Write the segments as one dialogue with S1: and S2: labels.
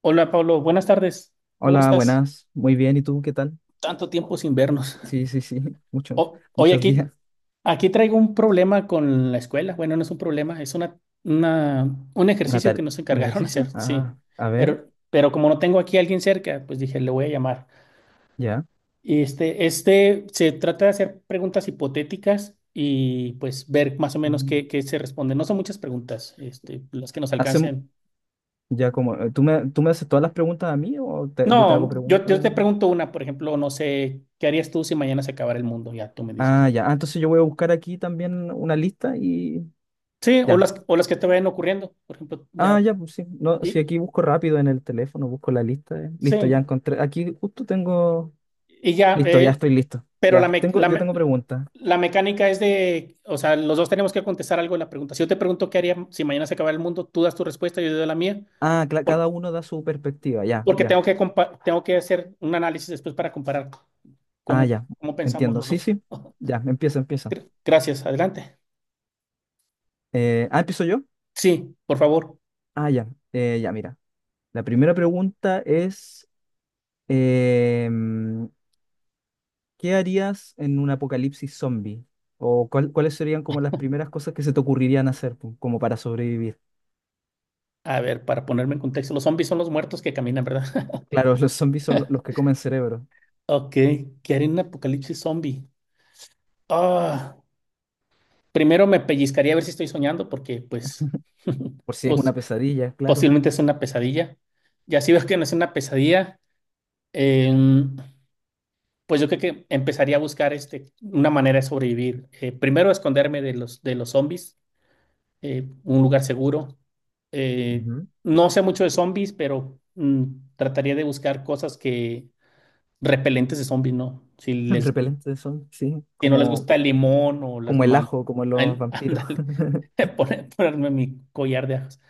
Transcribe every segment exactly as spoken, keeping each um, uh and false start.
S1: Hola Pablo, buenas tardes. ¿Cómo
S2: Hola,
S1: estás?
S2: buenas. Muy bien, ¿y tú qué tal?
S1: Tanto tiempo sin vernos.
S2: Sí, sí, sí, muchos,
S1: O- Oye,
S2: muchos
S1: aquí,
S2: días.
S1: aquí traigo un problema con la escuela. Bueno, no es un problema, es una, una- un
S2: Una
S1: ejercicio que
S2: tare-
S1: nos
S2: ¿Un
S1: encargaron
S2: ejercicio?
S1: hacer, sí.
S2: Ah, a ver,
S1: Pero, pero como no tengo aquí a alguien cerca, pues dije, le voy a llamar.
S2: ya.
S1: Y este, este se trata de hacer preguntas hipotéticas y pues ver más o menos
S2: Mm.
S1: qué, qué se responde. No son muchas preguntas, este, las que nos
S2: Hacem-
S1: alcancen.
S2: ya como, eh, ¿tú me, tú me haces todas las preguntas a mí o te- yo te hago
S1: No, yo,
S2: preguntas?
S1: yo te pregunto una, por ejemplo, no sé, ¿qué harías tú si mañana se acabara el mundo? Ya tú me dices.
S2: Ah, ya. Ah, entonces yo voy a buscar aquí también una lista y
S1: Sí, o
S2: ya.
S1: las, o las que te vayan ocurriendo, por ejemplo, ya.
S2: Ah, ya, pues sí. No, si
S1: Y,
S2: aquí busco rápido en el teléfono, busco la lista. eh. Listo, ya
S1: sí,
S2: encontré. Aquí justo tengo.
S1: y ya,
S2: Listo, ya
S1: eh,
S2: estoy listo.
S1: pero
S2: Ya,
S1: la, me-
S2: tengo,
S1: la,
S2: yo
S1: me-
S2: tengo preguntas.
S1: la mecánica es, de, o sea, los dos tenemos que contestar algo en la pregunta. Si yo te pregunto qué haría si mañana se acabara el mundo, tú das tu respuesta, yo doy la mía,
S2: Ah, cla-
S1: por-
S2: cada uno da su perspectiva. Ya,
S1: porque
S2: ya.
S1: tengo que, compa- tengo que hacer un análisis después para comparar
S2: Ah,
S1: cómo,
S2: ya,
S1: cómo pensamos
S2: entiendo.
S1: los
S2: Sí,
S1: dos.
S2: sí. Ya, empieza, empieza.
S1: Gra- Gracias, adelante.
S2: Eh, ah, empiezo yo.
S1: Sí, por favor.
S2: Ah, ya, eh, ya, mira. La primera pregunta es, em, ¿qué harías en un apocalipsis zombie? ¿O cuál- cuáles serían como las primeras cosas que se te ocurrirían hacer pu- como para sobrevivir?
S1: A ver, para ponerme en contexto, los zombies son los muertos que caminan, ¿verdad?
S2: Claro, los zombies son lo- los que comen cerebro.
S1: Ok, ¿qué haré en un apocalipsis zombie? Ah, primero me pellizcaría a ver si estoy soñando, porque pues,
S2: Por si es una
S1: pues
S2: pesadilla, claro.
S1: posiblemente es una pesadilla. Ya si veo que no es una pesadilla, em, pues yo creo que empezaría a buscar este, una manera de sobrevivir. Eh, primero esconderme de los, de los zombies, eh, un lugar seguro. Eh,
S2: Ujú.
S1: no sé mucho de zombies, pero mm, trataría de buscar cosas que repelentes de zombies, ¿no? Si les,
S2: Repelente de zombies, sí.
S1: si no les
S2: Como,
S1: gusta
S2: co-
S1: el limón o las
S2: como el
S1: manos,
S2: ajo, como los vampiros.
S1: ándale, pone- ponerme mi collar de ajos.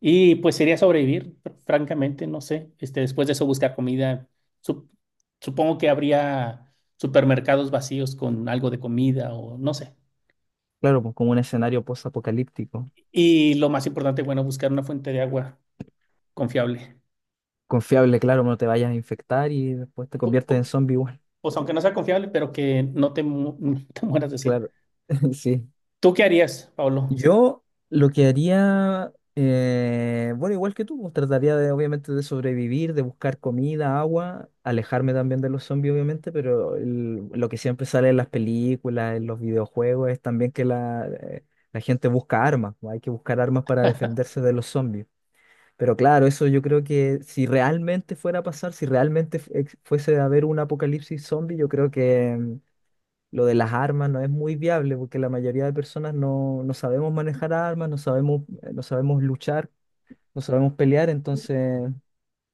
S1: Y pues sería sobrevivir, fr- francamente, no sé. Este, después de eso buscar comida. Sup- supongo que habría supermercados vacíos con algo de comida o no sé.
S2: Claro, pues como un escenario post-apocalíptico.
S1: Y lo más importante, bueno, buscar una fuente de agua confiable.
S2: Confiable, claro, no te vayas a infectar y después te
S1: Pu-
S2: conviertes en
S1: pu-
S2: zombie igual.
S1: Pues aunque no sea confiable, pero que no te, mu- no te mueras de sed.
S2: Claro, sí.
S1: ¿Tú qué harías, Pablo?
S2: Yo lo que haría, eh, bueno, igual que tú, pues, trataría de, obviamente, de sobrevivir, de buscar comida, agua, alejarme también de los zombies, obviamente, pero el- lo que siempre sale en las películas, en los videojuegos, es también que la, eh, la gente busca armas, pues, hay que buscar armas para defenderse de los zombies. Pero claro, eso yo creo que si realmente fuera a pasar, si realmente fu- ex- fuese a haber un apocalipsis zombie, yo creo que mm, lo de las armas no es muy viable porque la mayoría de personas no, no sabemos manejar armas, no sabemos, eh, no sabemos luchar, no sabemos pelear. Entonces,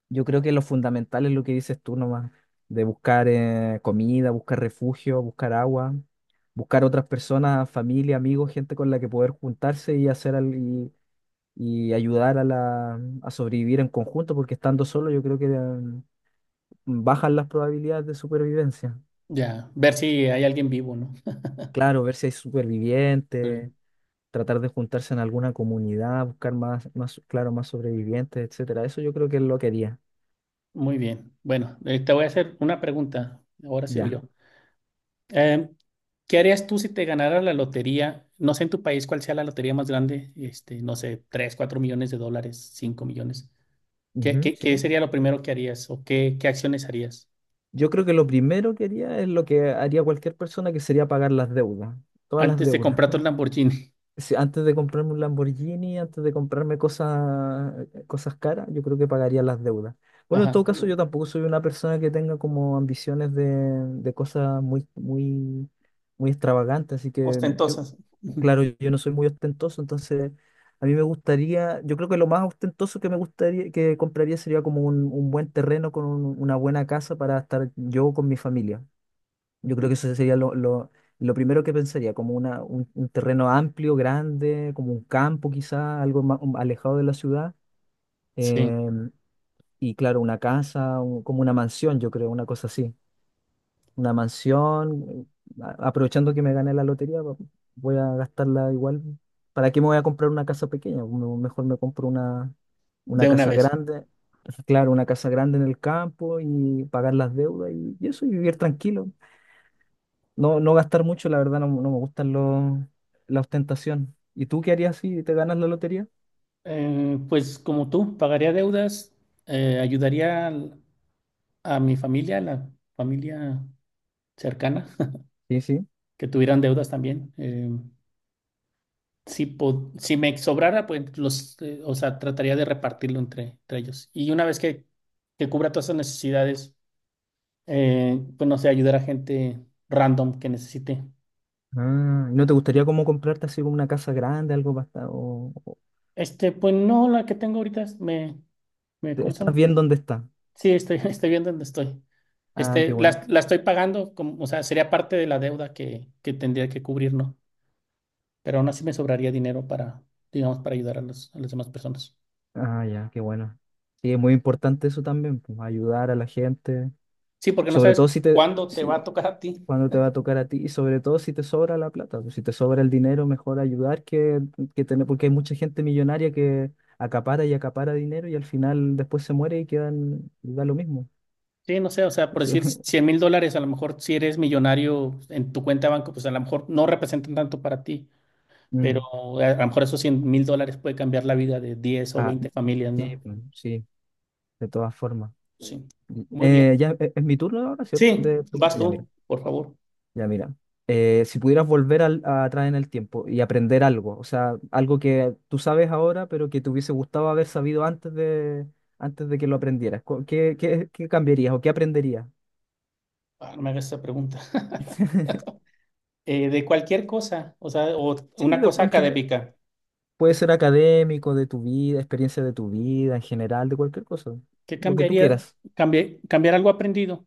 S2: yo creo que lo fundamental es lo que dices tú nomás, de buscar eh, comida, buscar refugio, buscar agua, buscar otras personas, familia, amigos, gente con la que poder juntarse y hacer algo y ayudar a, la, a sobrevivir en conjunto, porque estando solo yo creo que eh, bajan las probabilidades de supervivencia.
S1: Ya, ver si hay alguien vivo, ¿no?
S2: Claro, ver si hay
S1: Sí.
S2: supervivientes, tratar de juntarse en alguna comunidad, buscar más, más, claro, más sobrevivientes, etcétera. Eso yo creo que es lo que haría.
S1: Muy bien. Bueno, eh, te voy a hacer una pregunta. Ahora sigo
S2: Ya.
S1: yo. Eh, ¿qué harías tú si te ganara la lotería? No sé en tu país cuál sea la lotería más grande, este, no sé, tres cuatro millones de dólares, cinco millones. ¿Qué,
S2: Ujú,
S1: qué, qué
S2: sí.
S1: sería lo primero que harías o qué, qué acciones harías
S2: Yo creo que lo primero que haría es lo que haría cualquier persona, que sería pagar las deudas, todas las
S1: antes de
S2: deudas.
S1: comprarte el Lamborghini?
S2: si antes de comprarme un Lamborghini, antes de comprarme cosas, cosas caras, yo creo que pagaría las deudas. Bueno, en
S1: Ajá.
S2: todo caso, yo tampoco soy una persona que tenga como ambiciones de, de cosas muy, muy, muy extravagantes, así que yo,
S1: Ostentosas. Ujú.
S2: claro, yo no soy muy ostentoso, entonces a mí me gustaría, yo creo que lo más ostentoso que me gustaría, que compraría sería como un, un buen terreno con un- una buena casa para estar yo con mi familia. Yo creo que eso sería lo, lo, lo primero que pensaría, como una, un, un terreno amplio, grande, como un campo quizá, algo más alejado de la ciudad.
S1: Sí,
S2: em, y claro, una casa, un- como una mansión, yo creo, una cosa así. Una mansión, a- aprovechando que me gané la lotería, va- voy a gastarla igual. ¿Para qué me voy a comprar una casa pequeña? Me- Mejor me compro una, una
S1: de una
S2: casa
S1: vez.
S2: grande, claro, una casa grande en el campo y pagar las deudas y, y eso, y vivir tranquilo. No, no gastar mucho, la verdad, no, no me gustan los, la ostentación. ¿Y tú qué harías si te ganas la lotería?
S1: Eh, pues como tú, pagaría deudas, eh, ayudaría al- a mi familia, a la familia cercana,
S2: Sí, sí.
S1: que tuvieran deudas también. Eh, si, po- si me sobrara, pues los, eh, o sea, trataría de repartirlo entre, entre ellos. Y una vez que, que cubra todas esas necesidades, eh, pues no sé, ayudar a gente random que necesite.
S2: Ah, ¿no te gustaría como comprarte así como una casa grande, algo para estar- o, o-
S1: Este, pues no, la que tengo ahorita es- me, me,
S2: te-
S1: ¿cómo se
S2: estás
S1: llama?
S2: bien donde estás?
S1: Sí, estoy, estoy viendo dónde estoy.
S2: Ah, qué
S1: Este,
S2: bueno.
S1: la, la estoy pagando, como, o sea, sería parte de la deuda que, que tendría que cubrir, ¿no? Pero aún así me sobraría dinero para, digamos, para ayudar a los- a las demás personas.
S2: Ah, ya, qué bueno. Sí, es muy importante eso también, pues, ayudar a la gente.
S1: Sí, porque no
S2: Sobre todo
S1: sabes
S2: si te,
S1: cuándo te va a
S2: sí
S1: tocar a ti.
S2: cuando te va a tocar a ti y sobre todo si te sobra la plata, pues, si te sobra el dinero, mejor ayudar que, que tener, porque hay mucha gente millonaria que acapara y acapara dinero y al final después se muere y quedan, y da lo mismo.
S1: Sí, no sé, o sea, por
S2: Eso-
S1: decir cien mil dólares, a lo mejor si eres millonario en tu cuenta de banco, pues a lo mejor no representan tanto para ti, pero
S2: Mm.
S1: a a lo mejor esos cien mil dólares puede cambiar la vida de diez o
S2: Ah,
S1: veinte familias,
S2: sí,
S1: ¿no?
S2: pues, sí, de todas formas.
S1: Sí, muy bien.
S2: Eh, ya e- es mi turno ahora, ¿cierto?
S1: Sí,
S2: De pregunta.
S1: vas
S2: Ya, mira.
S1: tú, por favor.
S2: Ya mira, eh, si pudieras volver al- a atrás en el tiempo y aprender algo, o sea, algo que tú sabes ahora, pero que te hubiese gustado haber sabido antes de, antes de que lo aprendieras, cu- ¿qué, qué- qué cambiarías o qué aprenderías?
S1: Ah, no me hagas esa pregunta. Eh, de cualquier cosa, o sea, o
S2: Sí,
S1: una
S2: de-
S1: cosa
S2: en general.
S1: académica,
S2: Puede ser académico, de tu vida, experiencia de tu vida, en general, de cualquier cosa,
S1: ¿qué
S2: lo que tú
S1: cambiaría?
S2: quieras.
S1: Cambi- ¿Cambiar algo aprendido?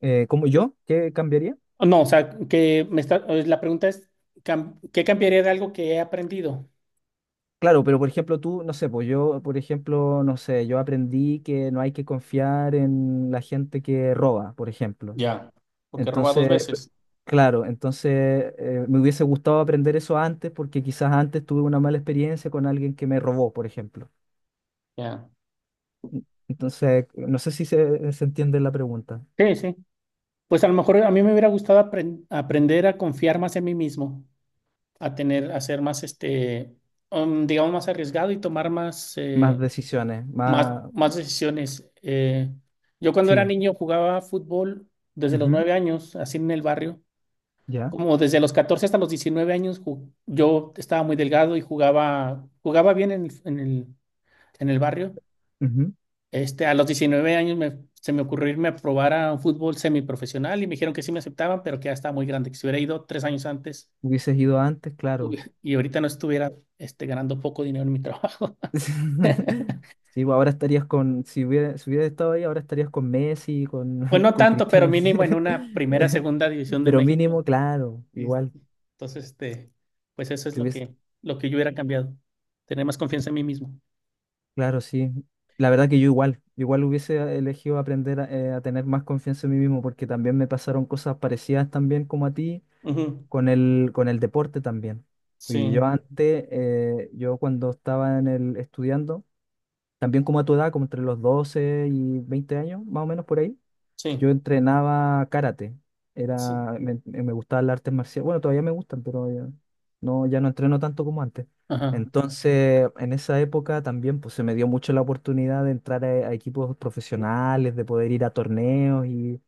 S2: Eh, ¿cómo yo? ¿Qué cambiaría?
S1: No, o sea, que me está, eh, la pregunta es, cam- ¿qué cambiaría de algo que he aprendido?
S2: Claro, pero por ejemplo tú, no sé, pues yo, por ejemplo, no sé, yo aprendí que no hay que confiar en la gente que roba, por ejemplo.
S1: Ya, porque roba dos
S2: Entonces,
S1: veces.
S2: claro, entonces eh, me hubiese gustado aprender eso antes porque quizás antes tuve una mala experiencia con alguien que me robó, por ejemplo.
S1: Ya,
S2: En- Entonces, no sé si se, se entiende la pregunta.
S1: sí, sí. Pues a lo mejor a mí me hubiera gustado apren- aprender a confiar más en mí mismo, a tener, a ser más, este, um, digamos, más arriesgado y tomar más,
S2: Más
S1: eh,
S2: decisiones,
S1: más,
S2: más...
S1: más decisiones. Eh, yo cuando era
S2: Sí,
S1: niño jugaba fútbol desde los
S2: ujú,
S1: nueve años, así en el barrio,
S2: ya.
S1: como desde los catorce hasta los diecinueve años, ju- yo estaba muy delgado y jugaba, jugaba bien en el, en el, en el barrio.
S2: Ujú.
S1: Este, a los diecinueve años me- se me ocurrió irme a probar a un fútbol semiprofesional y me dijeron que sí me aceptaban, pero que ya estaba muy grande, que si hubiera ido tres años antes
S2: Hubieses ido antes,
S1: hubi-
S2: claro.
S1: y ahorita no estuviera este, ganando poco dinero en mi trabajo.
S2: Sí, pues ahora estarías con, si hubiera, si hubiera estado ahí, ahora estarías con Messi,
S1: Pues
S2: con,
S1: no
S2: con
S1: tanto, pero
S2: Cristiano.
S1: mínimo en una primera, segunda división de
S2: Pero
S1: México.
S2: mínimo, claro,
S1: Y-
S2: igual.
S1: entonces, este, pues eso es lo que, lo que yo hubiera cambiado, tener más confianza en mí mismo.
S2: Claro, sí. La verdad que yo igual, igual hubiese elegido aprender a, eh, a tener más confianza en mí mismo, porque también me pasaron cosas parecidas también como a ti
S1: Ujú.
S2: con el, con el deporte también.
S1: Sí,
S2: Porque yo antes, eh, yo cuando estaba en el estudiando, también como a tu edad, como entre los doce y veinte años, más o menos por ahí, yo
S1: sí,
S2: entrenaba karate.
S1: sí.
S2: Era, me, me gustaban las artes marciales. Bueno, todavía me gustan, pero ya no, ya no entreno tanto como antes.
S1: Ajá.
S2: Entonces, en esa época también pues, se me dio mucho la oportunidad de entrar a, a equipos profesionales, de poder ir a torneos y,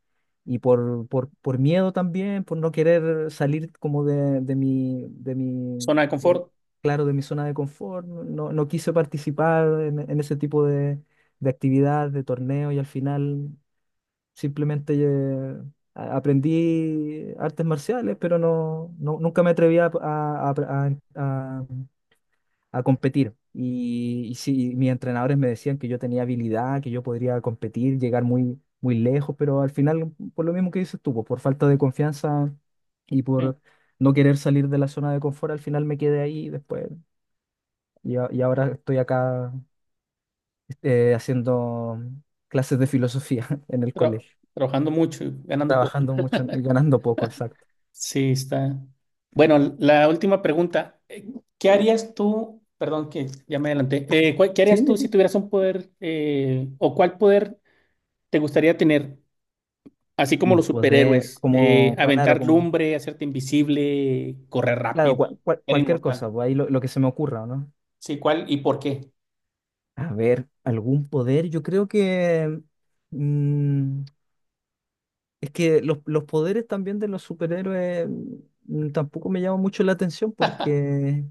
S2: y por, por, por miedo también, por no querer salir como de, de mi, de mi,
S1: Zona de
S2: de-
S1: confort,
S2: claro, de mi zona de confort, no, no quise participar en, en ese tipo de, de actividades, de torneos y al final, simplemente eh, a- aprendí artes marciales, pero no, no- nunca me atreví a, a- a- a- a competir. Y, y sí, mis entrenadores me decían que yo tenía habilidad, que yo podría competir, llegar muy, muy lejos, pero al final, por lo mismo que dices tú, pues, por falta de confianza y
S1: sí.
S2: por no querer salir de la zona de confort, al final me quedé ahí después. Y, a- y ahora estoy acá eh, haciendo clases de filosofía en el
S1: Tra-
S2: colegio.
S1: trabajando mucho y ganando poco.
S2: trabajando mucho y ganando poco, exacto.
S1: Sí, está. Bueno, la última pregunta. Eh, ¿Qué harías tú? Perdón que ya me adelanté. Eh, ¿cuál- qué
S2: Sí,
S1: harías
S2: sí,
S1: tú si
S2: sí.
S1: tuvieras un poder eh, o cuál poder te gustaría tener? Así como
S2: Un
S1: los
S2: poder,
S1: superhéroes, eh,
S2: como, claro,
S1: aventar
S2: como,
S1: lumbre, hacerte invisible, correr
S2: claro,
S1: rápido,
S2: cual- cual-
S1: ser
S2: cualquier cosa,
S1: inmortal.
S2: pues ahí lo, lo que se me ocurra, ¿o ¿no?
S1: Sí, ¿cuál y por qué?
S2: A ver, algún poder, yo creo que, mm, es que los, los poderes también de los superhéroes mm, tampoco me llaman mucho la atención, porque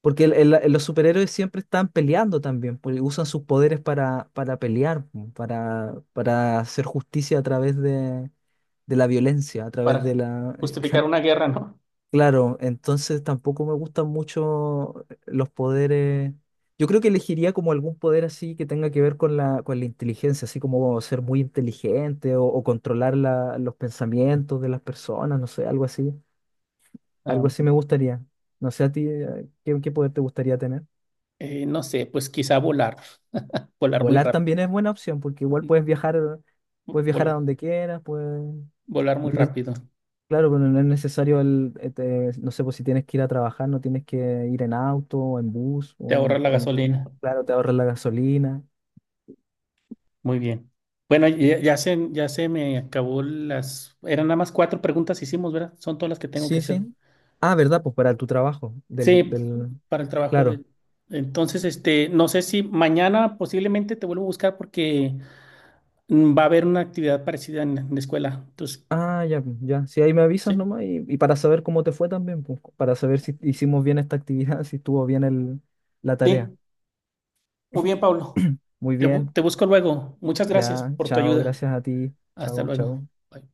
S2: Porque el- el- los superhéroes siempre están peleando también, porque usan sus poderes para, para pelear, pu, para, para hacer justicia a través de, de la violencia, a través de
S1: Para
S2: la...
S1: justificar una guerra, ¿no?
S2: Claro, entonces tampoco me gustan mucho los poderes. Yo creo que elegiría como algún poder así que tenga que ver con la, con la inteligencia, así como ser muy inteligente o, o controlar la- los pensamientos de las personas, no sé, algo así.
S1: Ah,
S2: Algo así me gustaría. No sé a ti, eh, ¿qué, qué poder te gustaría tener?
S1: eh, no sé, pues quizá volar, volar muy
S2: Volar
S1: rápido,
S2: también es buena opción, porque igual puedes viajar, puedes viajar a
S1: volar,
S2: donde quieras, pues,
S1: volar muy
S2: no es-
S1: rápido,
S2: claro, pero no es necesario el, este, no sé, pues si tienes que ir a trabajar, no tienes que ir en auto, o en bus,
S1: te
S2: o
S1: ahorras
S2: en,
S1: la
S2: el-
S1: gasolina.
S2: claro, te ahorras la gasolina.
S1: Muy bien. Bueno, ya, ya se, ya se me acabó las... Eran nada más cuatro preguntas hicimos, ¿verdad? Son todas las que tengo que
S2: Sí,
S1: hacer.
S2: sí. Ah, ¿verdad? Pues para tu trabajo, del,
S1: Sí,
S2: del,
S1: para el trabajo
S2: claro.
S1: de... Entonces, este, no sé si mañana posiblemente te vuelvo a buscar porque mm, va a haber una actividad parecida en, en la escuela. Entonces,
S2: Ah, ya, pues, ya. Si ahí me avisas
S1: sí,
S2: nomás y, y para saber cómo te fue también, pues, para saber si hicimos bien esta actividad, si estuvo bien el, la tarea.
S1: sí. Muy bien, Pablo.
S2: Muy
S1: Te, bu-
S2: bien.
S1: te busco luego. Muchas gracias
S2: Ya,
S1: por tu
S2: chao,
S1: ayuda.
S2: gracias a ti.
S1: Hasta
S2: Chao,
S1: luego.
S2: chao.
S1: Bye.